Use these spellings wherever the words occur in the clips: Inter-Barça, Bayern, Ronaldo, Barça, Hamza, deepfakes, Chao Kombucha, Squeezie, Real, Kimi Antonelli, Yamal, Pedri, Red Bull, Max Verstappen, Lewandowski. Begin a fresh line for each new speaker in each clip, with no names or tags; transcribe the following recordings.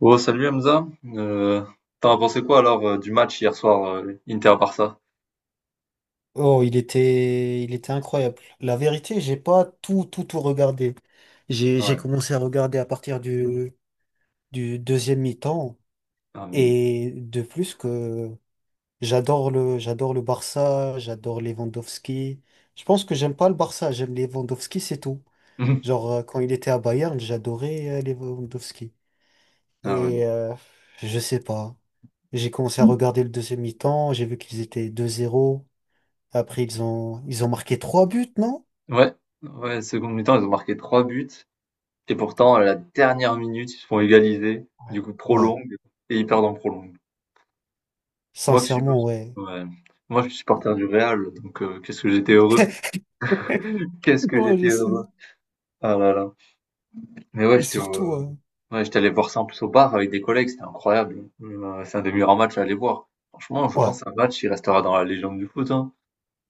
Oh, salut Hamza. Euh, t'en as pensé quoi alors du match hier soir Inter-Barça?
Oh, il était incroyable. La vérité, j'ai pas tout, tout, tout regardé. J'ai
Ouais.
commencé à regarder à partir du deuxième mi-temps.
Ah, mais-
Et de plus que j'adore le Barça, j'adore Lewandowski. Je pense que j'aime pas le Barça, j'aime Lewandowski, c'est tout. Genre, quand il était à Bayern, j'adorais Lewandowski.
Ah ouais.
Et je sais pas. J'ai commencé à regarder le deuxième mi-temps, j'ai vu qu'ils étaient 2-0. Après, ils ont marqué trois buts, non?
Ouais, ouais, seconde mi-temps, ils ont marqué trois buts, et pourtant à la dernière minute, ils se font égaliser, du coup
Ouais,
prolongue et ils perdent en prolongue. Moi que je suis,
sincèrement, ouais.
ouais. Moi je suis supporter du Real, donc qu'est-ce que j'étais heureux. Qu'est-ce que
Ouais,
j'étais
je
heureux.
sais.
Ah là là. Mais ouais,
Et
j'étais au,
surtout,
ouais, j'étais allé voir ça en plus au bar avec des collègues, c'était incroyable. Mmh, c'est un des meilleurs matchs à aller voir. Franchement, je
ouais,
pense que c'est un match qui restera dans la légende du foot, hein.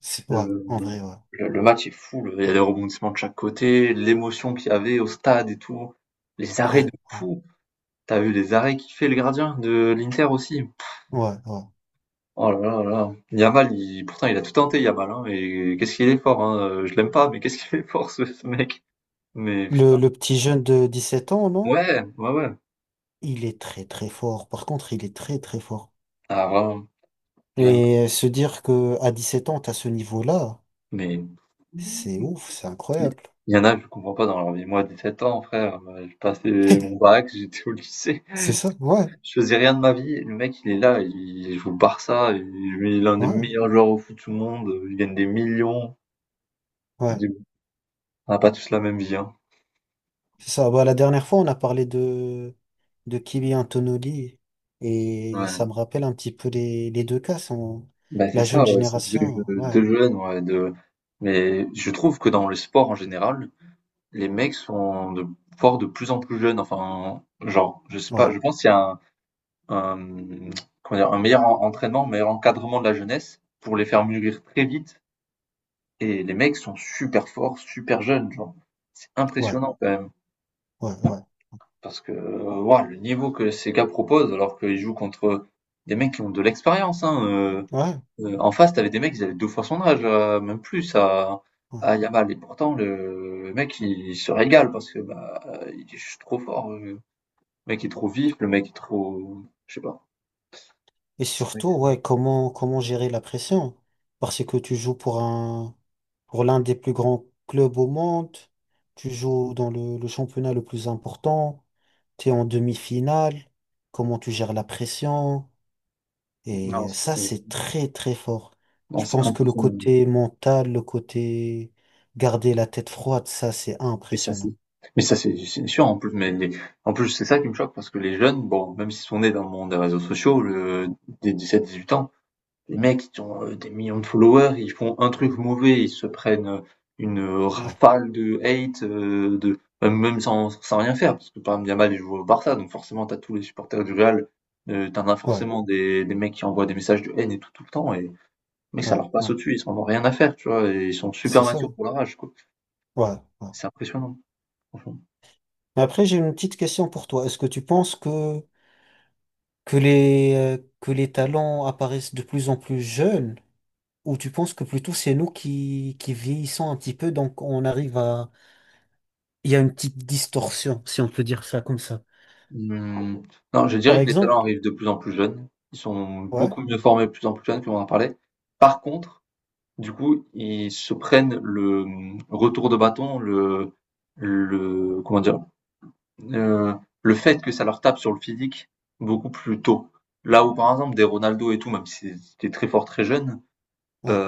ouais,
Le
en vrai, ouais.
le match est fou, le il y a des rebondissements de chaque côté, l'émotion qu'il y avait au stade et tout, les arrêts de
Ouais, ouais,
fou. T'as vu les arrêts qu'il fait le gardien de l'Inter aussi.
ouais, ouais.
Oh là là là. Yamal, il pourtant il a tout tenté Yamal, hein, et qu'est-ce qu'il est fort, hein, je l'aime pas, mais qu'est-ce qu'il est fort ce mec. Mais
Le,
putain.
le petit jeune de 17 ans, non?
Ouais, ouais, ouais.
Il est très, très fort. Par contre, il est très, très fort.
Ah vraiment, je l'aime.
Et se dire que à 17 ans, t'as ce niveau-là,
Mais
c'est ouf, c'est
il
incroyable.
y en a, je comprends pas dans leur vie. Moi, 17 ans, frère, j'ai passé mon bac, j'étais au lycée,
C'est ça, ouais,
je faisais rien de ma vie. Le mec, il est là, il joue au Barça, il est l'un des
ouais,
meilleurs joueurs au foot du monde, il gagne des millions. Je
ouais.
dis, on n'a pas tous la même vie, hein.
C'est ça. Bah, la dernière fois, on a parlé de Kimi Antonelli et
Ouais.
ça me rappelle un petit peu les deux cas. Sont
Bah, c'est
la jeune
ça, ouais, c'est deux,
génération. Ouais,
deux jeunes, ouais, deux- Mais je trouve que dans le sport en général, les mecs sont de, forts de plus en plus jeunes. Enfin, genre, je sais pas,
ouais,
je pense qu'il y a un, comment dire, un meilleur entraînement, un meilleur encadrement de la jeunesse pour les faire mûrir très vite. Et les mecs sont super forts, super jeunes, genre. C'est
ouais,
impressionnant quand même.
ouais, ouais,
Parce que waouh, le niveau que ces gars proposent, alors qu'ils jouent contre des mecs qui ont de l'expérience. Hein,
ouais,
en face, t'avais des mecs, ils avaient deux fois son âge, même plus,
ouais.
à Yamal. Et pourtant, le mec, il se régale parce que bah, il est juste trop fort. Le mec est trop vif, le mec est trop... Je sais pas.
Et
C'est- vrai
surtout,
que-
ouais, comment gérer la pression? Parce que tu joues pour un, pour l'un des plus grands clubs au monde, tu joues dans le championnat le plus important, tu es en demi-finale. Comment tu gères la pression?
Non,
Et
c'est-
ça, c'est très, très fort.
Non,
Je
c'est
pense que le
impressionnant.
côté mental, le côté garder la tête froide, ça, c'est
Mais ça, c'est,
impressionnant.
mais ça, c'est sûr, en plus, mais les, en plus, c'est ça qui me choque parce que les jeunes, bon, même s'ils sont nés dans le monde des réseaux sociaux, le des 17 18 ans, les mecs, ils ont, des millions de followers, ils font un truc mauvais, ils se prennent, une,
Ouais,
rafale de hate, de même sans rien faire parce que, par exemple, Yamal, il joue au Barça, donc forcément, t'as tous les supporters du Real, tu as
ouais,
forcément des mecs qui envoient des messages de haine et tout, tout le temps, et mais ça
ouais,
leur passe
ouais.
au-dessus, ils en ont rien à faire, tu vois? Et ils sont super
C'est ça.
matures pour leur âge, quoi.
Ouais, ouais.
C'est impressionnant. Franchement.
Mais après, j'ai une petite question pour toi. Est-ce que tu penses que, que les talents apparaissent de plus en plus jeunes? Ou tu penses que plutôt c'est nous qui vieillissons un petit peu, donc on arrive à. Il y a une petite distorsion, si on peut dire ça comme ça.
Mmh, non, je dirais
Par
que les talents
exemple?
arrivent de plus en plus jeunes. Ils sont
Ouais,
beaucoup mieux formés de plus en plus jeunes, comme on en parlait. Par contre, du coup, ils se prennent le mmh, retour de bâton, le comment dire, heu, le fait que ça leur tape sur le physique beaucoup plus tôt. Là où, par exemple, des Ronaldo et tout, même s'ils étaient très forts très jeunes,
ouais,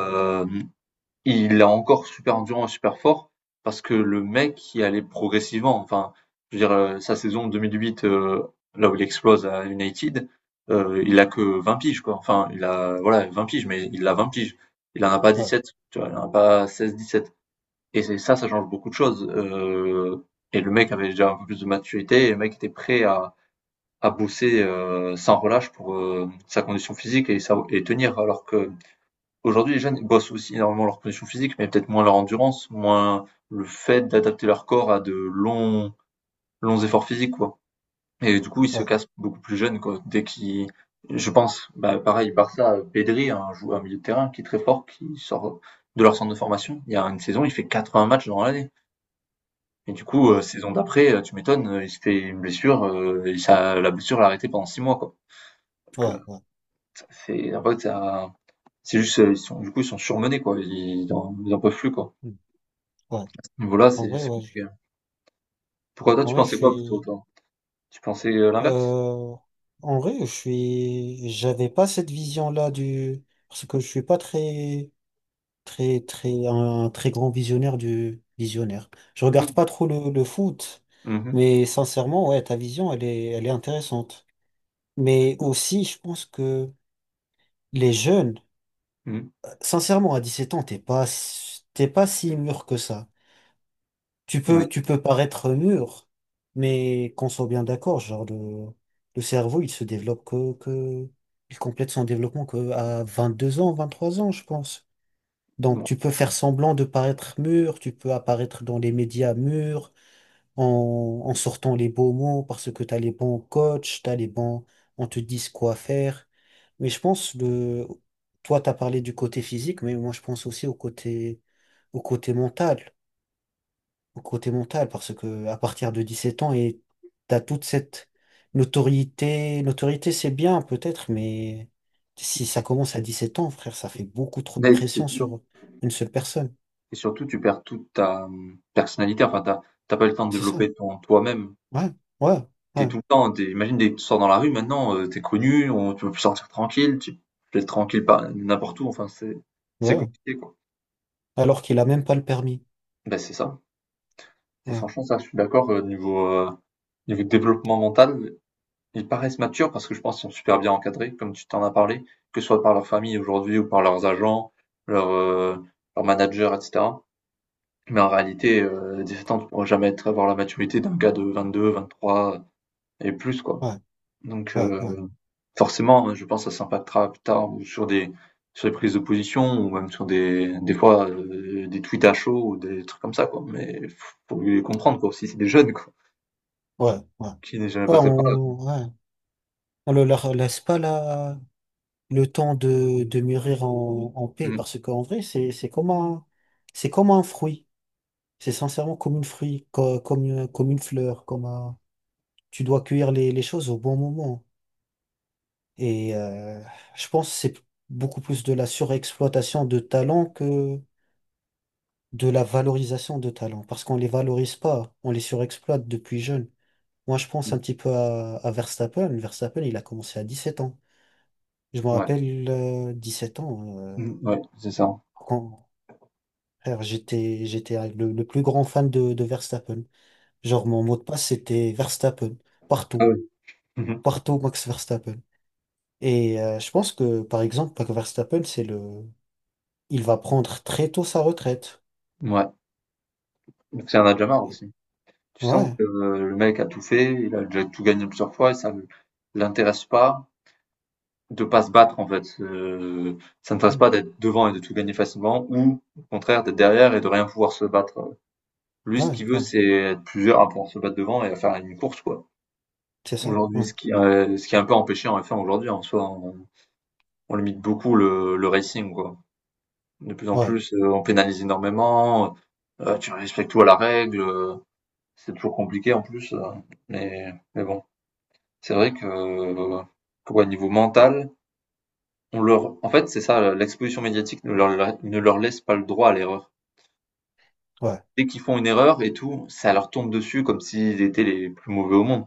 il a encore super endurant et super fort parce que le mec, il allait progressivement. Enfin, je veux dire, sa saison 2008, là où il explose à United, il a que 20 piges, quoi. Enfin, il a, voilà, 20 piges, mais il a 20 piges. Il en a pas
ouais,
17, tu vois, il en a pas 16, 17. Et c'est ça, ça change beaucoup de choses. Et le mec avait déjà un peu plus de maturité, et le mec était prêt à bosser sans relâche pour sa condition physique et, et tenir, alors que Aujourd'hui, les jeunes, ils bossent aussi énormément leur condition physique, mais peut-être moins leur endurance, moins le fait d'adapter leur corps à de longs, longs efforts physiques, quoi. Et du coup, ils se
ouais,
cassent beaucoup plus jeunes, quoi. Dès qu'ils, je pense, bah, pareil, Barça, Pedri, un joueur, un milieu de terrain qui est très fort, qui sort de leur centre de formation. Il y a une saison, il fait 80 matchs dans l'année. Et du coup,
ouais,
saison d'après, tu m'étonnes, il se fait une blessure, et ça, la blessure l'a arrêté pendant 6 mois, quoi. Donc,
ouais, ouais.
c'est, en fait, ça- c'est juste, ils sont, du coup, ils sont surmenés, quoi. Ils, ils en peuvent plus, quoi.
Ouais.
Voilà,
En
c'est
vrai,
c'est
ouais.
compliqué. Pourquoi toi,
En
tu
vrai, je
pensais quoi plutôt,
suis.
toi? Tu pensais l'inverse?
euh, En vrai, je suis. J'avais pas cette vision-là du. Parce que je suis pas très, très, très, un très grand visionnaire du visionnaire. Je regarde
Mmh.
pas trop le foot,
Mmh.
mais sincèrement, ouais, ta vision, elle est intéressante. Mais aussi, je pense que les jeunes,
Mmh.
sincèrement, à 17 ans, t'es pas, t'es pas si mûr que ça. Tu
Oui.
peux, tu peux paraître mûr, mais qu'on soit bien d'accord, genre le cerveau, il se développe que il complète son développement que à 2 ans, 23 ans, je pense. Donc
Bon.
tu peux faire semblant de paraître mûr, tu peux apparaître dans les médias mûrs, en sortant les beaux mots parce que t'as les bons coachs, t'as les bons, on te dit quoi faire. Mais je pense de, toi t'as parlé du côté physique, mais moi je pense aussi au côté, au côté mental au côté mental, parce que à partir de 17 ans, et t'as toute cette notoriété. Notoriété, c'est bien peut-être, mais si ça commence à 17 ans, frère, ça fait beaucoup trop de
Mais c'est
pression
dur.
sur une seule personne.
Et surtout, tu perds toute ta personnalité. Enfin, t'as pas le temps de
C'est ça.
développer ton toi-même.
Ouais, ouais,
T'es
ouais,
tout le temps, t'es, imagine, dès que tu sors dans la rue maintenant, t'es connu, on, tu peux plus sortir tranquille, tu peux être tranquille pas n'importe où. Enfin, c'est
ouais.
compliqué, quoi.
Alors qu'il a même pas le permis.
Ben, c'est ça. Et
Ouais,
franchement, ça, je suis d'accord, niveau, niveau développement mental, ils paraissent matures parce que je pense qu'ils sont super bien encadrés, comme tu t'en as parlé, que ce soit par leur famille aujourd'hui ou par leurs agents, leurs leurs managers, etc. Mais en réalité, 17 ans, tu pourras jamais être, avoir la maturité d'un gars de 22, 23 et plus, quoi.
ouais,
Donc,
ouais, ouais,
forcément, je pense que ça s'impactera plus tard ou sur des prises de position ou même sur des fois, des tweets à chaud ou des trucs comme ça, quoi. Mais faut les comprendre, quoi, aussi, c'est des jeunes, quoi,
ouais, ouais.
qui n'est jamais
Ouais, ouais,
passé par là.
on, ouais. On ne leur laisse pas la, le temps de mûrir en paix,
Mm.
parce qu'en vrai, c'est comme un, c'est comme un fruit. C'est sincèrement comme une fruit, comme, comme une fleur, comme un. Tu dois cueillir les choses au bon moment. Et je pense que c'est beaucoup plus de la surexploitation de talents que de la valorisation de talents, parce qu'on les valorise pas, on les surexploite depuis jeune. Moi, je pense un petit peu à Verstappen. Verstappen, il a commencé à 17 ans. Je me
Ouais.
rappelle, 7 ans,
Mm, ouais, c'est ça.
quand frère, j'étais le plus grand fan de Verstappen. Genre, mon mot de passe, c'était Verstappen, partout.
Euh, Mmh mh.
Partout Max Verstappen. Et je pense que, par exemple, Max Verstappen, c'est le. Il va prendre très tôt sa retraite.
Mouais, donc ça en a déjà marre
Et-
aussi. Tu sens
Ouais,
que le mec a tout fait, il a déjà tout gagné plusieurs fois et ça le l'intéresse pas de pas se battre, en fait, ça ne l'intéresse
hmm,
pas d'être devant et de tout gagner facilement ou au contraire d'être derrière et de rien pouvoir se battre. Lui, ce
ouais,
qu'il veut,
ouais,
c'est être plusieurs à pouvoir se battre devant et à faire une course, quoi.
c'est ça. Ouais,
Aujourd'hui, ce qui est un peu empêché en F1 aujourd'hui en soi, on limite beaucoup le racing, quoi. De plus en
ouais,
plus, on pénalise énormément, tu respectes tout à la règle, c'est toujours compliqué en plus, mais bon. C'est vrai que ouais, niveau mental, on leur en fait, c'est ça, l'exposition médiatique ne leur laisse pas le droit à l'erreur.
ouais,
Dès qu'ils font une erreur et tout, ça leur tombe dessus comme s'ils étaient les plus mauvais au monde.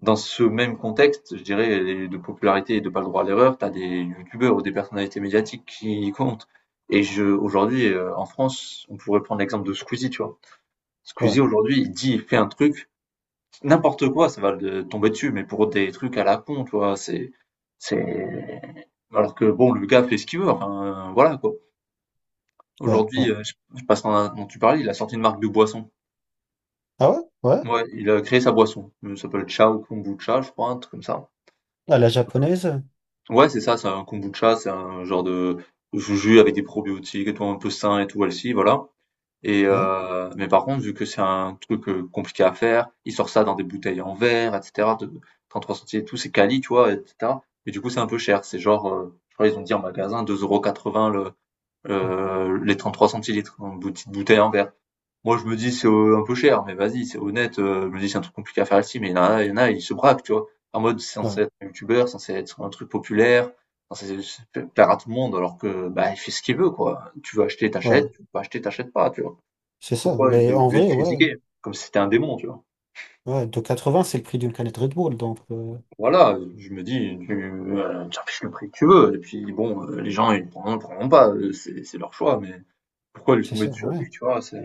Dans ce même contexte, je dirais, les de popularité et de pas le droit à l'erreur, t'as des youtubeurs ou des personnalités médiatiques qui comptent, et je aujourd'hui, en France, on pourrait prendre l'exemple de Squeezie, tu vois? Squeezie
ouais,
aujourd'hui, il dit, il fait un truc n'importe quoi, ça va le tomber dessus, mais pour des trucs à la con, tu vois, c'est, alors que bon, le gars fait ce qu'il veut, enfin, voilà, quoi.
ouais,
Aujourd'hui,
ouais.
je passe dans, dont tu parlais, il a sorti une marque de boisson.
Ah ouais? Ouais?
Ouais, il a créé sa boisson. Ça s'appelle Chao Kombucha, je crois, un truc comme ça.
À la japonaise?
Ouais, c'est ça, c'est un kombucha, c'est un genre de jus avec des probiotiques et tout, un peu sain et tout, elle voilà. Et
Ouais,
mais par contre, vu que c'est un truc, compliqué à faire, ils sortent ça dans des bouteilles en verre, et cetera, de 33 centilitres et tout, c'est quali, tu vois? Et cetera. Mais du coup, c'est un peu cher. C'est genre, je crois ils ont dit en magasin 2,80 € le,
hmm,
les 33 centilitres, une petite bouteille en verre. Moi, je me dis: «C'est, un peu cher», mais vas-y, c'est honnête, je me dis: «C'est un truc compliqué à faire ici», mais il y en a, ils se braquent, tu vois? En mode, c'est censé
ouais,
être un youtubeur, censé être un truc populaire, censé plaire à tout le monde, alors que, bah, il fait ce qu'il veut, quoi. Tu veux acheter,
ouais,
t'achètes. Tu veux pas acheter, t'achètes pas, tu vois?
c'est ça.
Pourquoi vous
Mais
êtes
en
obligé de
vrai, ouais,
critiquer? Comme si c'était un démon, tu vois?
ouais, de vingts c'est le prix d'une canette Red Bull, donc
Voilà, je me dis, tu, tu affiches le prix que tu veux et puis bon, les gens ils ne prendront, ils prendront pas, c'est leur choix, mais pourquoi lui
c'est
tomber
ça,
dessus à
ouais,
lui, tu vois? C'est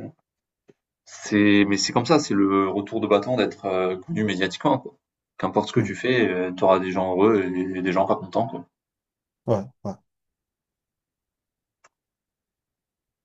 c'est mais c'est comme ça, c'est le retour de bâton d'être, connu médiatiquement, quoi. Qu'importe ce que tu
hmm,
fais, tu auras des gens heureux et des gens pas contents, quoi.
ouais, ouais.